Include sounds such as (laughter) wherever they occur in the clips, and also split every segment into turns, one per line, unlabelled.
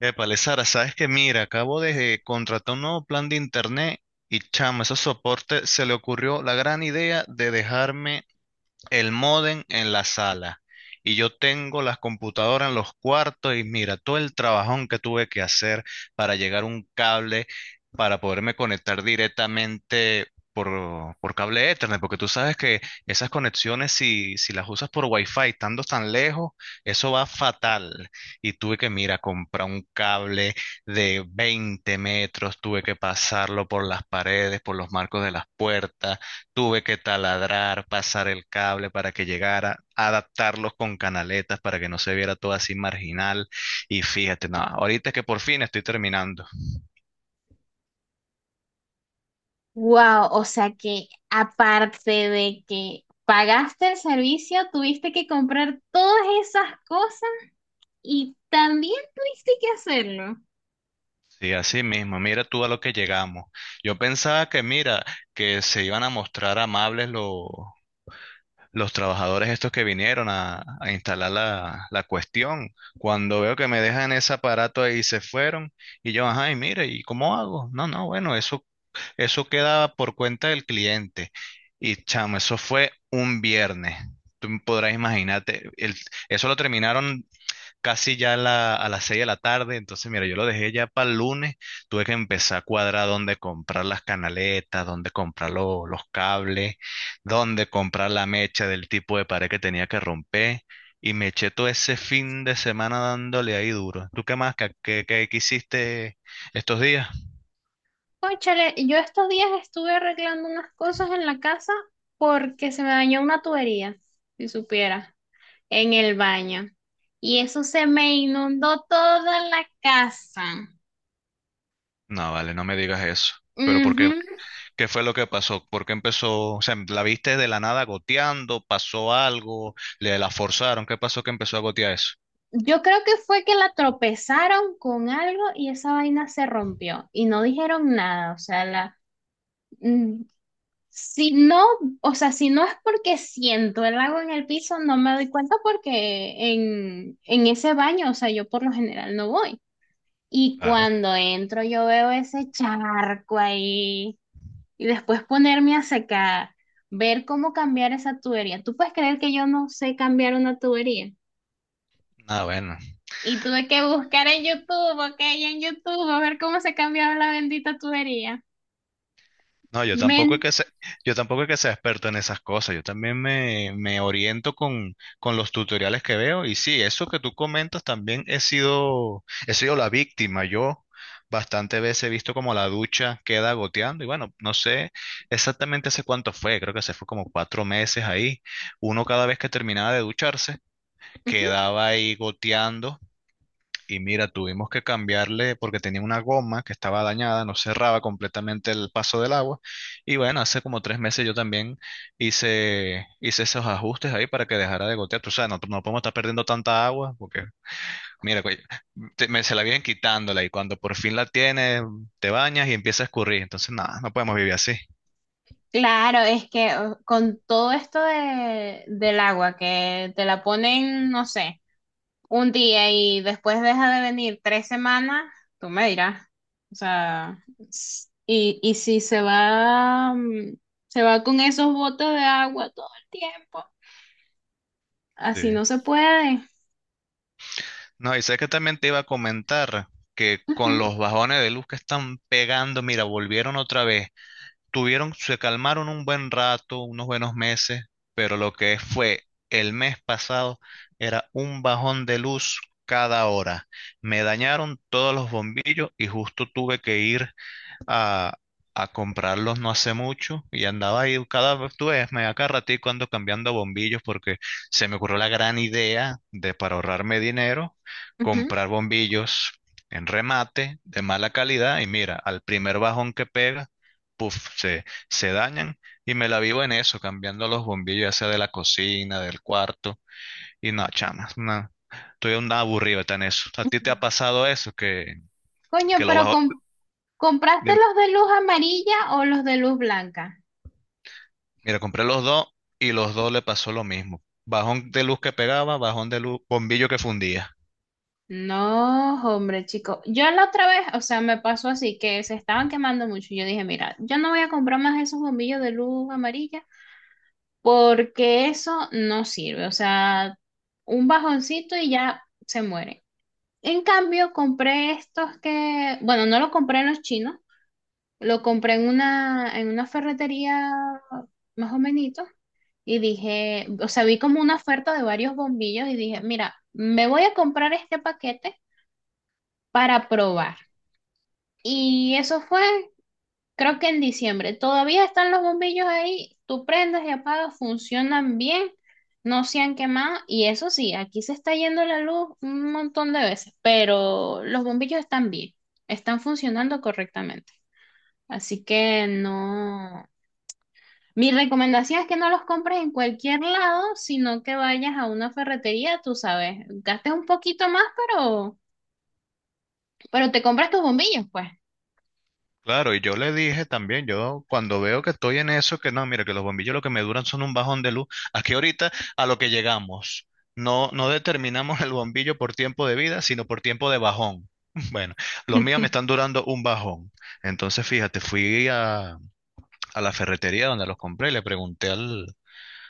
Épale, Sara, sabes que mira, acabo de contratar un nuevo plan de internet y chamo, ese soporte se le ocurrió la gran idea de dejarme el módem en la sala y yo tengo las computadoras en los cuartos y mira todo el trabajón que tuve que hacer para llegar a un cable para poderme conectar directamente por cable Ethernet, porque tú sabes que esas conexiones si las usas por Wi-Fi estando tan lejos, eso va fatal. Y tuve que, mira, comprar un cable de 20 metros, tuve que pasarlo por las paredes, por los marcos de las puertas. Tuve que taladrar, pasar el cable para que llegara, adaptarlos con canaletas para que no se viera todo así marginal. Y fíjate, no, ahorita es que por fin estoy terminando.
Wow, o sea que aparte de que pagaste el servicio, tuviste que comprar todas esas cosas y también tuviste que hacerlo.
Sí, así mismo, mira tú a lo que llegamos. Yo pensaba que, mira, que se iban a mostrar amables los trabajadores estos que vinieron a instalar la cuestión. Cuando veo que me dejan ese aparato ahí y se fueron, y yo, ajá, y mire, ¿y cómo hago? No, no, bueno, eso queda por cuenta del cliente. Y chamo, eso fue un viernes. Tú podrás imaginarte, eso lo terminaron casi ya a las 6 de la tarde, entonces mira, yo lo dejé ya para el lunes, tuve que empezar a cuadrar dónde comprar las canaletas, dónde comprar los cables, dónde comprar la mecha del tipo de pared que tenía que romper, y me eché todo ese fin de semana dándole ahí duro. ¿Tú qué más? ¿ Qué hiciste estos días?
Cónchale, yo estos días estuve arreglando unas cosas en la casa porque se me dañó una tubería, si supiera, en el baño. Y eso se me inundó toda la casa.
No, vale, no me digas eso. Pero ¿por qué?
Ujú.
¿Qué fue lo que pasó? ¿Por qué empezó? O sea, ¿la viste de la nada goteando? ¿Pasó algo? ¿Le la forzaron? ¿Qué pasó que empezó a gotear eso?
Yo creo que fue que la tropezaron con algo y esa vaina se rompió y no dijeron nada, o sea, la mm, si no, o sea, si no es porque siento el agua en el piso, no me doy cuenta porque en ese baño, o sea, yo por lo general no voy. Y
Claro.
cuando entro yo veo ese charco ahí y después ponerme a secar, ver cómo cambiar esa tubería. ¿Tú puedes creer que yo no sé cambiar una tubería?
Ah, bueno.
Y tuve que buscar en YouTube, ok, en YouTube, a ver cómo se cambiaba la bendita tubería.
No, yo tampoco es
Men.
que sea, yo tampoco es que sea experto en esas cosas. Yo también me oriento con los tutoriales que veo. Y sí, eso que tú comentas también he sido la víctima. Yo bastantes veces he visto como la ducha queda goteando. Y bueno, no sé exactamente hace cuánto fue. Creo que se fue como cuatro meses ahí. Uno cada vez que terminaba de ducharse,
Ujú.
quedaba ahí goteando. Y mira, tuvimos que cambiarle porque tenía una goma que estaba dañada, no cerraba completamente el paso del agua. Y bueno, hace como tres meses yo también hice esos ajustes ahí para que dejara de gotear. Tú sabes, no, no podemos estar perdiendo tanta agua porque, mira, coño, se la vienen quitándola y cuando por fin la tienes, te bañas y empieza a escurrir. Entonces, nada, no podemos vivir así.
Claro, es que con todo esto de, del agua, que te la ponen, no sé, un día y después deja de venir tres semanas, tú me dirás. O sea, y si se va, se va con esos botes de agua todo el tiempo,
Sí.
así no se puede.
No, y sé que también te iba a comentar que con
Ujú,
los bajones de luz que están pegando, mira, volvieron otra vez, tuvieron, se calmaron un buen rato, unos buenos meses, pero lo que fue el mes pasado era un bajón de luz cada hora. Me dañaron todos los bombillos y justo tuve que ir a, a comprarlos no hace mucho y andaba ahí cada vez, tú ves, me da cada ratico ando cambiando bombillos porque se me ocurrió la gran idea de para ahorrarme dinero,
ujú.
comprar bombillos en remate de mala calidad y mira, al primer bajón que pega, puff, se dañan y me la vivo en eso, cambiando los bombillos, ya sea de la cocina, del cuarto y no, chamas, no. Estoy un aburrido está en eso. ¿A ti te ha pasado eso
Coño,
que lo
pero
bajo?
con ¿compraste
de-
los de luz amarilla o los de luz blanca?
Mira, compré los dos y los dos le pasó lo mismo. Bajón de luz que pegaba, bajón de luz, bombillo que fundía.
No, hombre, chico. Yo la otra vez, o sea, me pasó así que se estaban quemando mucho. Yo dije, mira, yo no voy a comprar más esos bombillos de luz amarilla porque eso no sirve. O sea, un bajoncito y ya se muere. En cambio, compré estos que, bueno, no lo compré en los chinos, lo compré en una ferretería más o menos y dije, o sea, vi como una oferta de varios bombillos y dije, mira, me voy a comprar este paquete para probar. Y eso fue, creo que en diciembre. Todavía están los bombillos ahí, tú prendes y apagas, funcionan bien, no se han quemado. Y eso sí, aquí se está yendo la luz un montón de veces, pero los bombillos están bien, están funcionando correctamente. Así que no. Mi recomendación es que no los compres en cualquier lado, sino que vayas a una ferretería, tú sabes, gastes un poquito más, pero te compras tus bombillos, pues.
Claro, y yo le dije también, yo cuando veo que estoy en eso, que no, mira, que los bombillos lo que me duran son un bajón de luz. Aquí ahorita a lo que llegamos, no, no determinamos el bombillo por tiempo de vida, sino por tiempo de bajón. (laughs) Bueno, los míos me están durando un bajón. Entonces, fíjate, a la ferretería donde los compré, le pregunté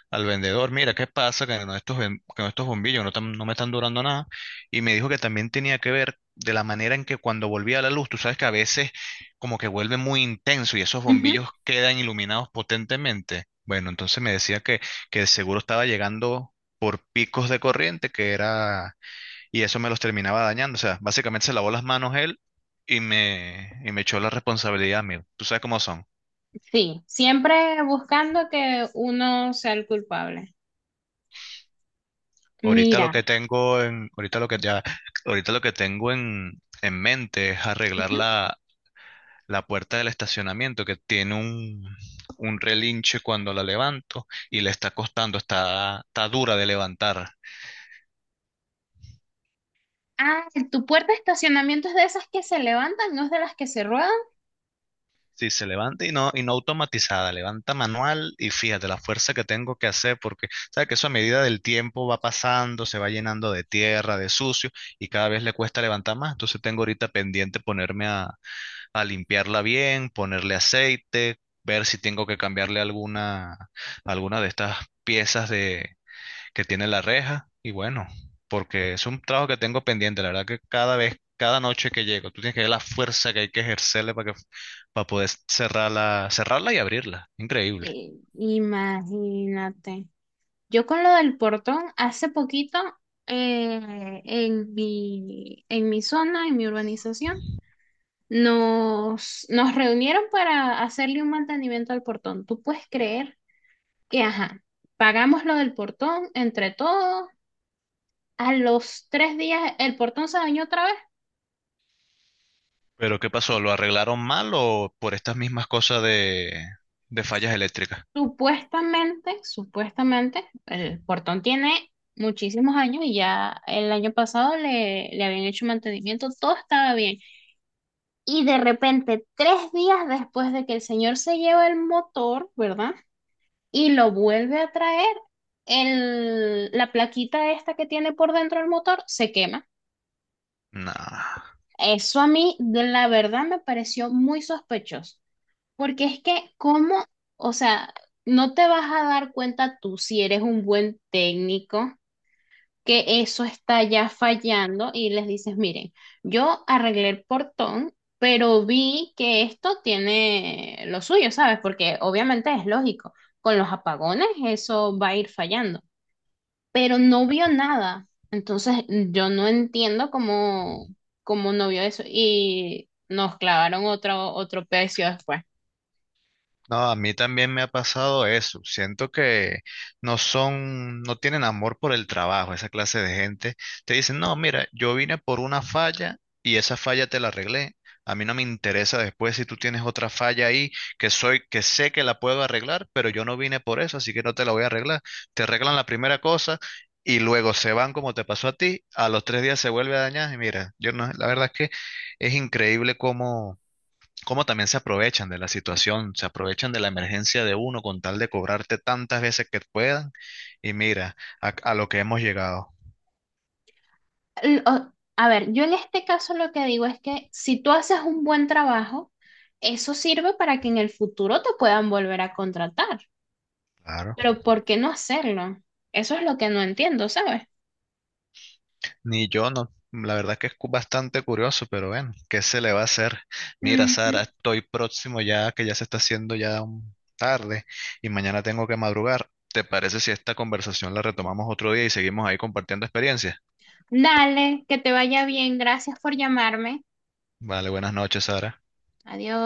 al vendedor, mira, ¿qué pasa que no estos, que no estos bombillos no me están durando nada? Y me dijo que también tenía que ver de la manera en que cuando volvía la luz, tú sabes que a veces como que vuelve muy intenso y esos
Ujú,
bombillos quedan iluminados potentemente. Bueno, entonces que el seguro estaba llegando por picos de corriente, y eso me los terminaba dañando. O sea, básicamente se lavó las manos él y me echó la responsabilidad a mí. Tú sabes cómo son.
sí, siempre buscando que uno sea el culpable.
Ahorita lo que
Mira.
tengo en, ahorita lo que ya, Ahorita lo que tengo en mente es arreglar
Ujú.
la puerta del estacionamiento que tiene un relinche cuando la levanto y le está costando, está, está dura de levantar.
Ah, tu puerta de estacionamiento es de esas que se levantan, no es de las que se ruedan.
Sí, se levanta y no automatizada, levanta manual y fíjate la fuerza que tengo que hacer porque, sabes que eso a medida del tiempo va pasando, se va llenando de tierra, de sucio y cada vez le cuesta levantar más. Entonces tengo ahorita pendiente ponerme a limpiarla bien, ponerle aceite, ver si tengo que cambiarle alguna de estas piezas que tiene la reja. Y bueno, porque es un trabajo que tengo pendiente, la verdad que cada vez, cada noche que llego, tú tienes que ver la fuerza que hay que ejercerle para poder cerrarla, cerrarla y abrirla. Increíble.
Imagínate. Yo con lo del portón, hace poquito, en mi zona, en mi urbanización, nos, nos reunieron para hacerle un mantenimiento al portón. ¿Tú puedes creer que, ajá, pagamos lo del portón entre todos? A los tres días el portón se dañó otra vez.
Pero ¿qué pasó? ¿Lo arreglaron mal o por estas mismas cosas de fallas eléctricas?
Supuestamente, supuestamente, el portón tiene muchísimos años y ya el año pasado le, le habían hecho mantenimiento, todo estaba bien. Y de repente, tres días después de que el señor se lleva el motor, ¿verdad? Y lo vuelve a traer, el, la plaquita esta que tiene por dentro el motor se quema.
Nah.
Eso a mí, de la verdad, me pareció muy sospechoso, porque es que, ¿cómo? O sea, no te vas a dar cuenta tú si eres un buen técnico que eso está ya fallando y les dices, miren, yo arreglé el portón, pero vi que esto tiene lo suyo, ¿sabes? Porque obviamente es lógico, con los apagones eso va a ir fallando, pero no vio nada. Entonces yo no entiendo cómo, cómo no vio eso y nos clavaron otro, otro precio después.
No, a mí también me ha pasado eso. Siento que no son, no tienen amor por el trabajo, esa clase de gente. Te dicen, no, mira, yo vine por una falla y esa falla te la arreglé. A mí no me interesa después si tú tienes otra falla ahí que sé que la puedo arreglar, pero yo no vine por eso, así que no te la voy a arreglar. Te arreglan la primera cosa y luego se van como te pasó a ti. A los 3 días se vuelve a dañar y mira, yo no, la verdad es que es increíble cómo también se aprovechan de la situación, se aprovechan de la emergencia de uno con tal de cobrarte tantas veces que puedan. Y mira, a lo que hemos llegado.
A ver, yo en este caso lo que digo es que si tú haces un buen trabajo, eso sirve para que en el futuro te puedan volver a contratar.
Claro.
Pero ¿por qué no hacerlo? Eso es lo que no entiendo, ¿sabes?
Ni yo no. La verdad que es bastante curioso, pero bueno, ¿qué se le va a hacer? Mira,
Ujú.
Sara, estoy próximo ya, que ya se está haciendo ya tarde y mañana tengo que madrugar. ¿Te parece si esta conversación la retomamos otro día y seguimos ahí compartiendo experiencias?
Dale, que te vaya bien. Gracias por llamarme.
Vale, buenas noches, Sara.
Adiós.